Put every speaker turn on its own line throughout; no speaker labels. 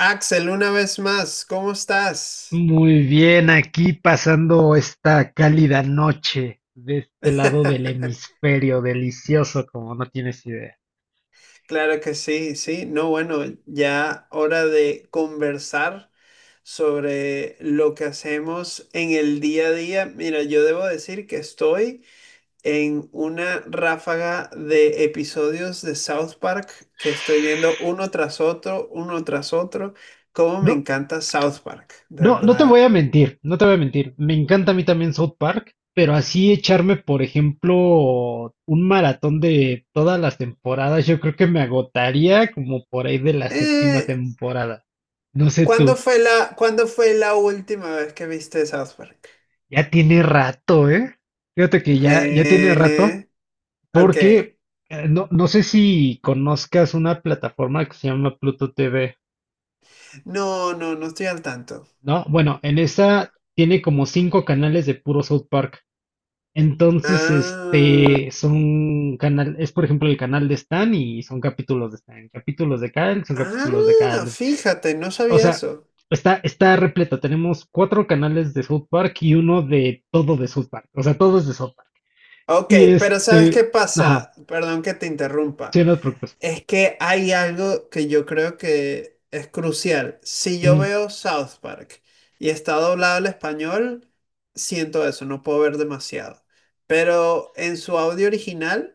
Axel, una vez más, ¿cómo estás?
Muy bien, aquí pasando esta cálida noche de este lado del hemisferio, delicioso como no tienes idea.
Claro que sí, sí. No, bueno, ya hora de conversar sobre lo que hacemos en el día a día. Mira, yo debo decir que estoy en una ráfaga de episodios de South Park que estoy viendo uno tras otro, uno tras otro. Cómo me
No,
encanta South Park, de
no, no te
verdad.
voy a mentir, no te voy a mentir. Me encanta a mí también South Park, pero así echarme, por ejemplo, un maratón de todas las temporadas, yo creo que me agotaría como por ahí de la séptima
Eh,
temporada. No sé
¿Cuándo
tú,
fue cuándo fue la última vez que viste South Park?
ya tiene rato, ¿eh? Fíjate que ya tiene rato.
Eh, ok.
Porque no sé si conozcas una plataforma que se llama Pluto TV,
No, no, no estoy al tanto.
¿no? Bueno, en esa tiene como cinco canales de puro South Park. Entonces,
Ah,
es por ejemplo el canal de Stan y son capítulos de Stan, capítulos de Kyle, son capítulos de
ah,
Kyle.
fíjate, no
O
sabía
sea,
eso.
está repleta. Tenemos cuatro canales de South Park y uno de todo de South Park. O sea, todo es de South Park.
Ok,
Y
pero ¿sabes qué
este, ajá,
pasa? Perdón que te interrumpa.
sí, no te preocupes.
Es que hay algo que yo creo que es crucial. Si yo
Ujú,
veo South Park y está doblado al español, siento eso, no puedo ver demasiado. Pero en su audio original...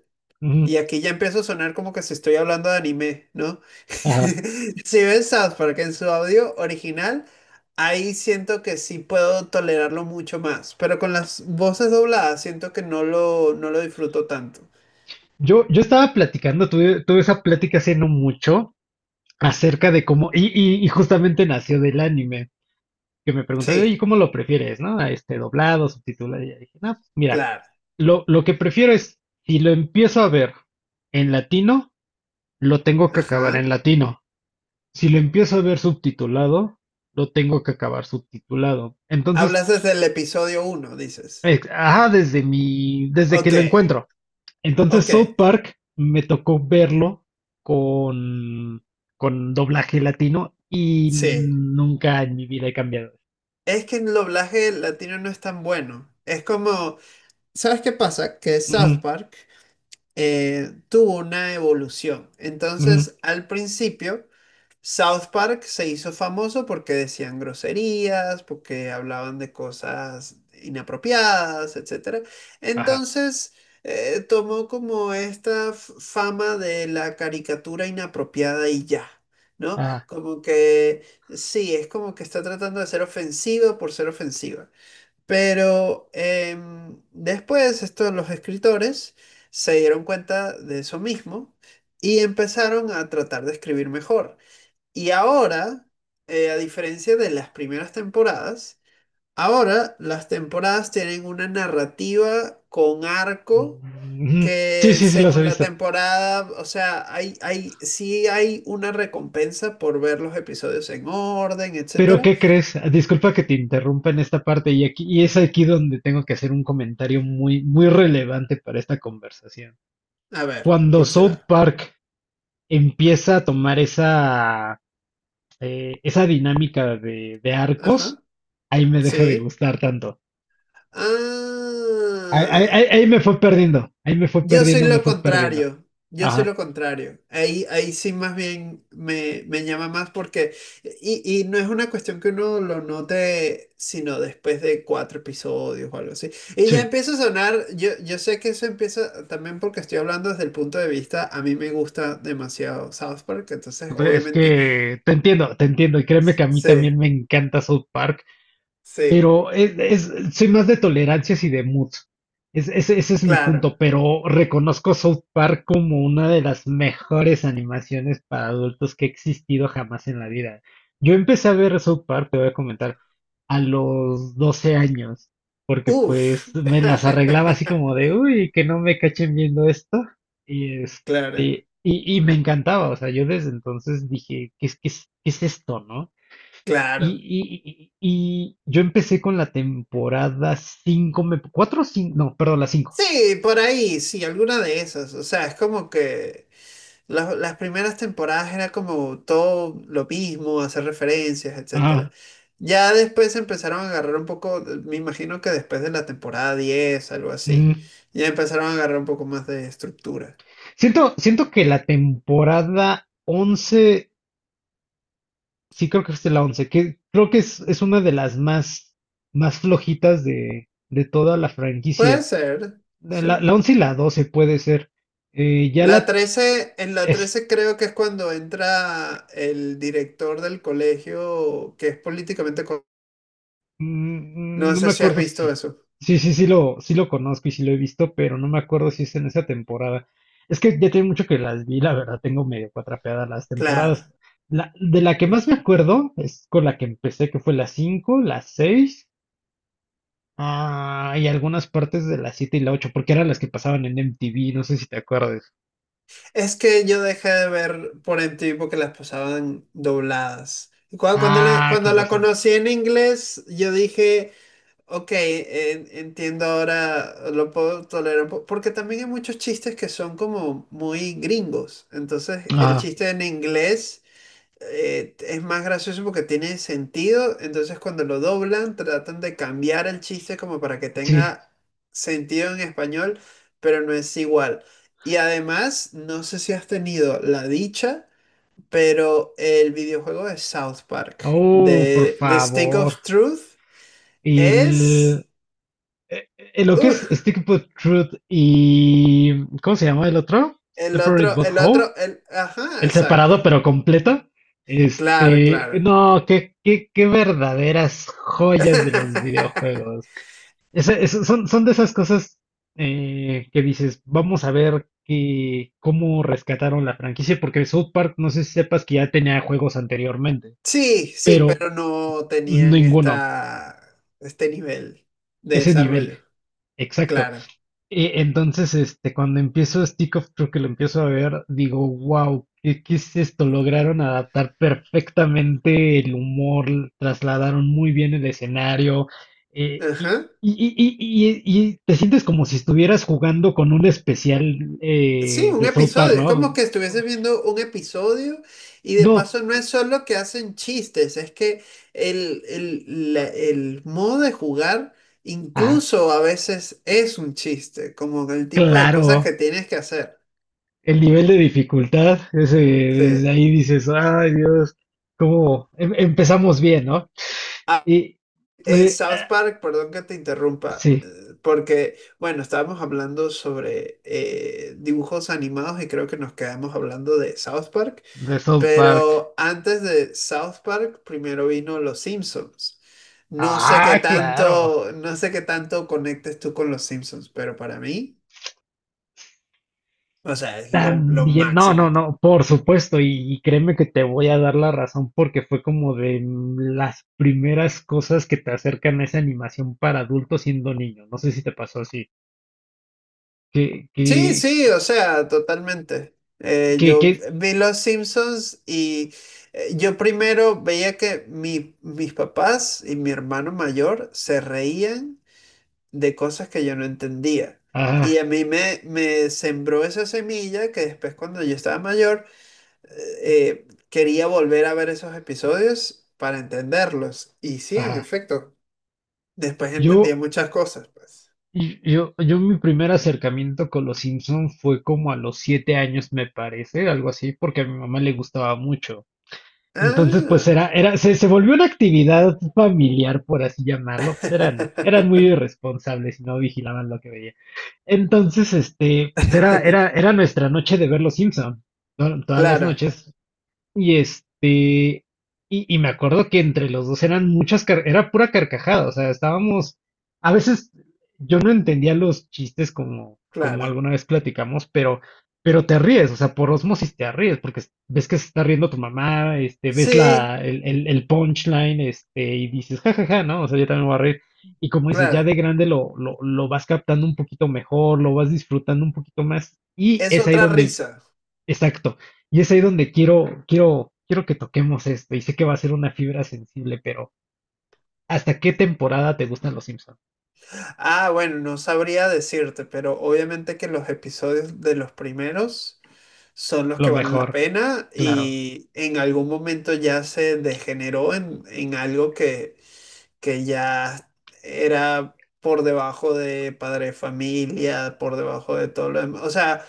Y
ujú,
aquí ya empiezo a sonar como que si estoy hablando de anime, ¿no?
ajá.
Si ves South Park en su audio original, ahí siento que sí puedo tolerarlo mucho más, pero con las voces dobladas siento que no lo disfruto tanto.
Yo estaba platicando, tuve esa plática hace no mucho acerca de cómo, y justamente nació del anime, que me preguntaron, ¿y
Sí,
cómo lo prefieres, no? A Este doblado, subtitulado, y ya dije, no, pues mira,
claro.
lo que prefiero es, si lo empiezo a ver en latino, lo tengo que acabar
Ajá.
en latino. Si lo empiezo a ver subtitulado, lo tengo que acabar subtitulado. Entonces,
Hablas desde el episodio uno, dices.
ajá, desde que
Ok,
lo encuentro. Entonces
ok,
South Park me tocó verlo con, con doblaje latino y
sí.
nunca en mi vida he cambiado.
Es que el doblaje latino no es tan bueno. Es como, ¿sabes qué pasa? Que
Ujú,
South Park tuvo una evolución.
ujú,
Entonces, al principio, South Park se hizo famoso porque decían groserías, porque hablaban de cosas inapropiadas, etcétera.
ajá,
Entonces, tomó como esta fama de la caricatura inapropiada y ya. ¿No?
ajá,
Como que sí, es como que está tratando de ser ofensiva por ser ofensiva. Pero después estos, los escritores se dieron cuenta de eso mismo y empezaron a tratar de escribir mejor. Y ahora, a diferencia de las primeras temporadas, ahora las temporadas tienen una narrativa con arco
ujú. Sí,
que
sí, sí, los he
según la
visto.
temporada, o sea, sí hay una recompensa por ver los episodios en orden,
Pero
etcétera.
¿qué crees? Disculpa que te interrumpa en esta parte y aquí y es aquí donde tengo que hacer un comentario muy muy relevante para esta conversación.
A ver,
Cuando
¿cuál
South
será?
Park empieza a tomar esa esa dinámica de
Ajá,
arcos, ahí me deja de
sí.
gustar tanto. Ahí, ahí-
Ah,
ahí- ahí me fue perdiendo, ahí me fue
yo soy
perdiendo, me
lo
fue perdiendo.
contrario. Yo soy
Ajá,
lo contrario. Ahí sí más bien me llama más porque, y no es una cuestión que uno lo note, sino después de cuatro episodios o algo así. Y ya
sí.
empieza a sonar, yo sé que eso empieza también porque estoy hablando desde el punto de vista, a mí me gusta demasiado South Park, entonces
Es
obviamente,
que te entiendo, te entiendo. Y créeme que a mí también
sí,
me encanta South Park.
sí,
Pero soy más de tolerancias y de mood. Ese es mi
claro.
punto, pero reconozco South Park como una de las mejores animaciones para adultos que ha existido jamás en la vida. Yo empecé a ver South Park, te voy a comentar, a los 12 años, porque
Uf.
pues me las arreglaba así como de, uy, que no me cachen viendo esto. Y,
Claro,
este, y, y me encantaba, o sea, yo desde entonces dije, ¿qué es, qué es, qué es esto, no? Y,
claro.
y- y- y yo empecé con la temporada 5 me, 4, 5, no, perdón, la cinco.
Sí, por ahí, sí, alguna de esas. O sea, es como que las primeras temporadas era como todo lo mismo, hacer referencias, etcétera.
Ajá.
Ya después empezaron a agarrar un poco, me imagino que después de la temporada 10, algo así,
Mm.
ya empezaron a agarrar un poco más de estructura.
Siento que la temporada 11 sí creo que es la 11 que creo que es una de las más flojitas de toda la
Puede
franquicia.
ser,
La,
sí.
la 11 y la 12 puede ser. Ya
La
la,
13, en la 13 creo que es cuando entra el director del colegio que es políticamente...
mm,
No
mm. No
sé
me
si has
acuerdo
visto
si.
eso.
Sí, sí, sí lo conozco y sí lo he visto, pero no me acuerdo si es en esa temporada. Es que ya tiene mucho que las vi, la verdad, tengo medio cuatrapeadas las temporadas.
Claro.
De la que más me acuerdo es con la que empecé, que fue la 5, la 6, y algunas partes de la 7 y la 8, porque eran las que pasaban en MTV, no sé si te acuerdas.
Es que yo dejé de ver por MTV porque las pasaban dobladas. Y cuando,
Ah,
cuando
con
la
razón.
conocí en inglés, yo dije, ok, entiendo ahora, lo puedo tolerar. Porque también hay muchos chistes que son como muy gringos. Entonces, el
Ah,
chiste en inglés es más gracioso porque tiene sentido, entonces cuando lo doblan tratan de cambiar el chiste como para que
sí.
tenga sentido en español, pero no es igual. Y además, no sé si has tenido la dicha, pero el videojuego de South Park,
Oh, por
de The Stick
favor.
of Truth,
Y
es...
el, lo que es
uf,
Stick But Truth y. ¿Cómo se llama el otro?
el
Separate
otro,
But
el
Whole.
otro, el... Ajá,
El separado
exacto.
pero completo.
Claro,
Este.
claro.
No, qué verdaderas joyas de los videojuegos. Son de esas cosas que dices, vamos a ver cómo rescataron la franquicia, porque South Park, no sé si sepas que ya tenía juegos anteriormente,
Sí, sí,
pero
pero no tenían
ninguno.
esta, este nivel de
Ese nivel.
desarrollo.
Exacto.
Claro.
Entonces, cuando empiezo Stick of Truth, que lo empiezo a ver, digo, wow, ¿qué es esto? Lograron adaptar perfectamente el humor, trasladaron muy bien el escenario, y,
Ajá.
y- y- y- y- y te sientes como si estuvieras jugando con un especial
Sí, un
de South Park,
episodio. Es como
¿no?
que estuviese viendo un episodio y de
No,
paso no es solo que hacen chistes, es que el modo de jugar
ah,
incluso a veces es un chiste, como el tipo de cosas que
claro,
tienes que hacer.
el nivel de dificultad, ese, desde
Sí.
ahí dices, ay Dios, cómo empezamos bien, ¿no? Y, eh,
South Park, perdón que te interrumpa,
sí,
porque, bueno, estábamos hablando sobre dibujos animados y creo que nos quedamos hablando de South Park,
de South Park.
pero antes de South Park, primero vino Los Simpsons. No sé qué
Ah, claro.
tanto, no sé qué tanto conectes tú con Los Simpsons, pero para mí, o sea, es lo
También, no, no,
máximo.
no, por supuesto, y créeme que te voy a dar la razón porque fue como de las primeras cosas que te acercan a esa animación para adultos siendo niño. No sé si te pasó así. Que,
Sí,
que,
sí, o sea, totalmente.
que, que,
Yo vi Los Simpsons y yo primero veía que mis papás y mi hermano mayor se reían de cosas que yo no entendía. Y
Ajá,
a mí me sembró esa semilla que después cuando yo estaba mayor quería volver a ver esos episodios para entenderlos. Y sí, en
ajá.
efecto, después entendía
Yo,
muchas cosas, pues.
yo mi primer acercamiento con los Simpson fue como a los 7 años, me parece, algo así, porque a mi mamá le gustaba mucho. Entonces, pues
Ah.
era, se volvió una actividad familiar, por así llamarlo. Pues eran muy irresponsables y no vigilaban lo que veía. Entonces, pues era nuestra noche de ver Los Simpson. To- Todas las
Claro.
noches y este, y, y me acuerdo que entre los dos eran era pura carcajada, o sea, estábamos, a veces yo no entendía los chistes como
Claro.
alguna vez platicamos, pero te ríes, o sea, por osmosis te ríes, porque ves que se está riendo tu mamá, ves
Sí,
la, el, el, el punchline, y dices, jajaja, ¿no? O sea, yo también me voy a reír. Y como dices, ya
claro.
de grande lo vas captando un poquito mejor, lo vas disfrutando un poquito más, y
Es
es ahí
otra
donde.
risa.
Exacto. Y es ahí donde quiero que toquemos esto. Y sé que va a ser una fibra sensible, pero ¿hasta qué temporada te gustan los Simpsons?
Ah, bueno, no sabría decirte, pero obviamente que los episodios de los primeros son los que
Lo
valen la
mejor,
pena
claro.
y en algún momento ya se degeneró en algo que ya era por debajo de padre de familia, por debajo de todo lo demás. O sea,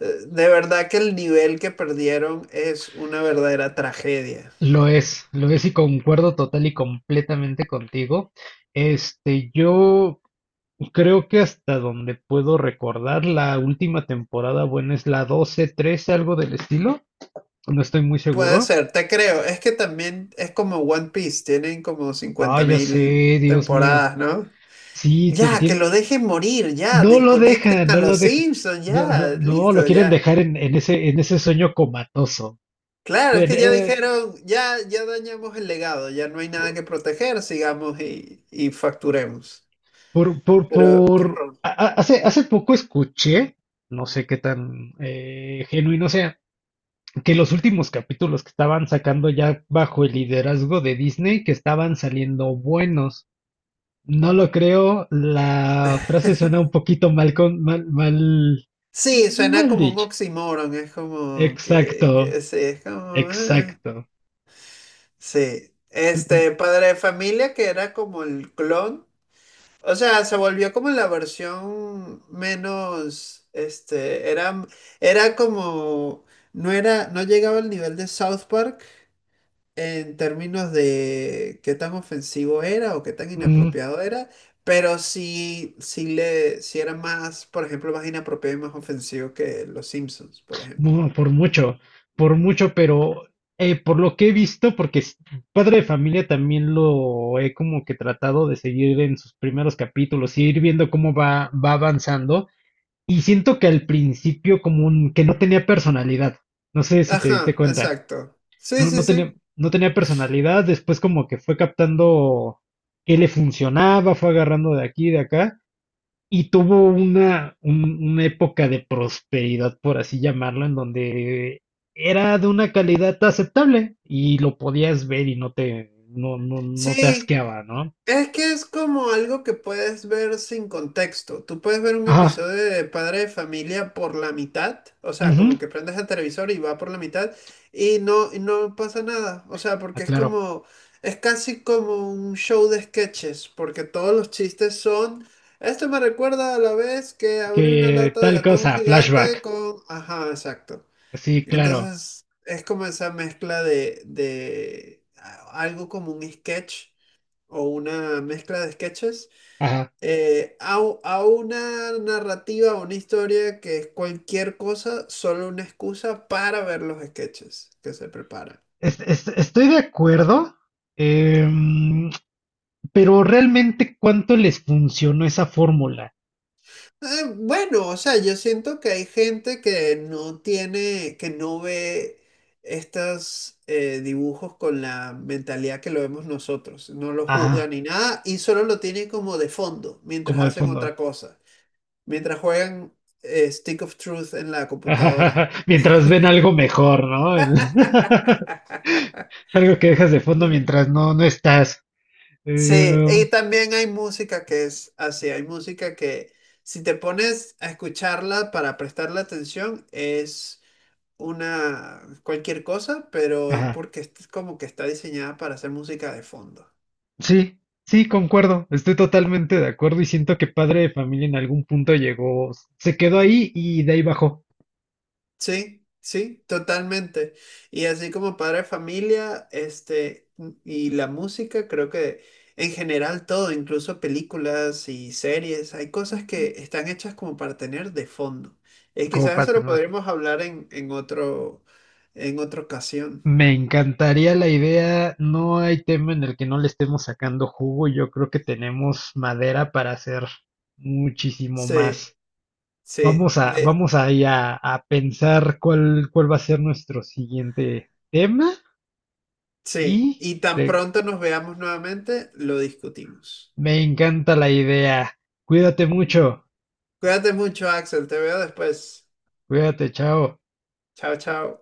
de verdad que el nivel que perdieron es una verdadera tragedia.
Lo es y concuerdo total y completamente contigo. Yo creo que hasta donde puedo recordar, la última temporada, bueno, es la 12 13, algo del estilo. No estoy muy
Puede
seguro.
ser, te creo. Es que también es como One Piece, tienen como
Ah,
cincuenta
ya
mil
sé, Dios mío.
temporadas, ¿no?
Sí, te
Ya, que
entiendo.
lo dejen morir, ya,
No lo
desconecten
deja,
a
no lo
los
deja.
Simpsons,
No,
ya,
no, no, lo
listo,
quieren
ya.
dejar en ese sueño comatoso.
Claro, es
En,
que ya dijeron, ya, ya dañamos el legado, ya no hay nada que proteger, sigamos y facturemos.
por,
Pero, qué
por.
horror.
A- hace, hace poco escuché, no sé qué tan genuino sea, que los últimos capítulos que estaban sacando ya bajo el liderazgo de Disney, que estaban saliendo buenos. No lo creo, la frase suena un poquito mal con, mal, mal,
Sí, suena
mal
como un
dicha.
oxímoron, es como
Exacto,
que sí, es como... ah.
exacto.
Sí, este padre de familia que era como el clon. O sea, se volvió como la versión menos, este, era, era como, no era, no llegaba al nivel de South Park en términos de qué tan ofensivo era o qué tan
Mm.
inapropiado era, pero sí, sí era más, por ejemplo, más inapropiado y más ofensivo que Los Simpsons, por ejemplo.
Por mucho, por mucho, pero por lo que he visto, porque Padre de Familia también lo he como que tratado de seguir en sus primeros capítulos y ir viendo cómo va avanzando. Y siento que al principio como que no tenía personalidad. No sé si te diste
Ajá,
cuenta.
exacto. Sí,
No,
sí,
no tenía,
sí.
no tenía personalidad. Después como que fue captando qué le funcionaba, fue agarrando de aquí, de acá. Y tuvo una época de prosperidad, por así llamarlo, en donde era de una calidad aceptable y lo podías ver y no te
Sí,
asqueaba, ¿no?
es que es como algo que puedes ver sin contexto. Tú puedes ver un
Ajá,
episodio de Padre de Familia por la mitad, o sea,
ujú,
como que prendes el televisor y va por la mitad y no pasa nada. O sea, porque es
aclaro.
como, es casi como un show de sketches, porque todos los chistes son, esto me recuerda a la vez que
Que
abrí una lata de
tal
atún
cosa,
gigante
flashback.
con, ajá, exacto.
Sí, claro.
Entonces, es como esa mezcla de algo como un sketch o una mezcla de sketches
Ajá.
a una narrativa, o una historia que es cualquier cosa, solo una excusa para ver los sketches que se preparan.
Estoy de acuerdo, em, pero realmente cuánto les funcionó esa fórmula.
Bueno, o sea, yo siento que hay gente que no tiene, que no ve estos dibujos con la mentalidad que lo vemos nosotros, no lo juzga
Ajá,
ni nada y solo lo tiene como de fondo mientras
como de
hacen otra
fondo.
cosa, mientras juegan Stick of Truth en la computadora.
Mientras ven algo mejor, ¿no? Algo que dejas de fondo mientras no estás.
Sí,
Em,
y también hay música que es así, hay música que si te pones a escucharla para prestarle atención es una cualquier cosa, pero es
ajá.
porque es como que está diseñada para hacer música de fondo.
Sí, sí, concuerdo. Estoy totalmente de acuerdo y siento que Padre de Familia en algún punto llegó, se quedó ahí y de ahí bajó
Sí, sí, totalmente. Y así como padre de familia, este, y la música, creo que en general todo, incluso películas y series, hay cosas que están hechas como para tener de fondo. Y
como
quizás eso lo
patronaje.
podremos hablar en otro, en otra ocasión.
Me encantaría la idea. No hay tema en el que no le estemos sacando jugo. Yo creo que tenemos madera para hacer muchísimo
Sí,
más.
sí, de-
Vamos ahí a pensar cuál va a ser nuestro siguiente tema.
sí.
Y
Y tan pronto nos veamos nuevamente, lo discutimos.
me encanta la idea. Cuídate mucho.
Cuídate mucho, Axel. Te veo después.
Cuídate, chao.
Chao, chao.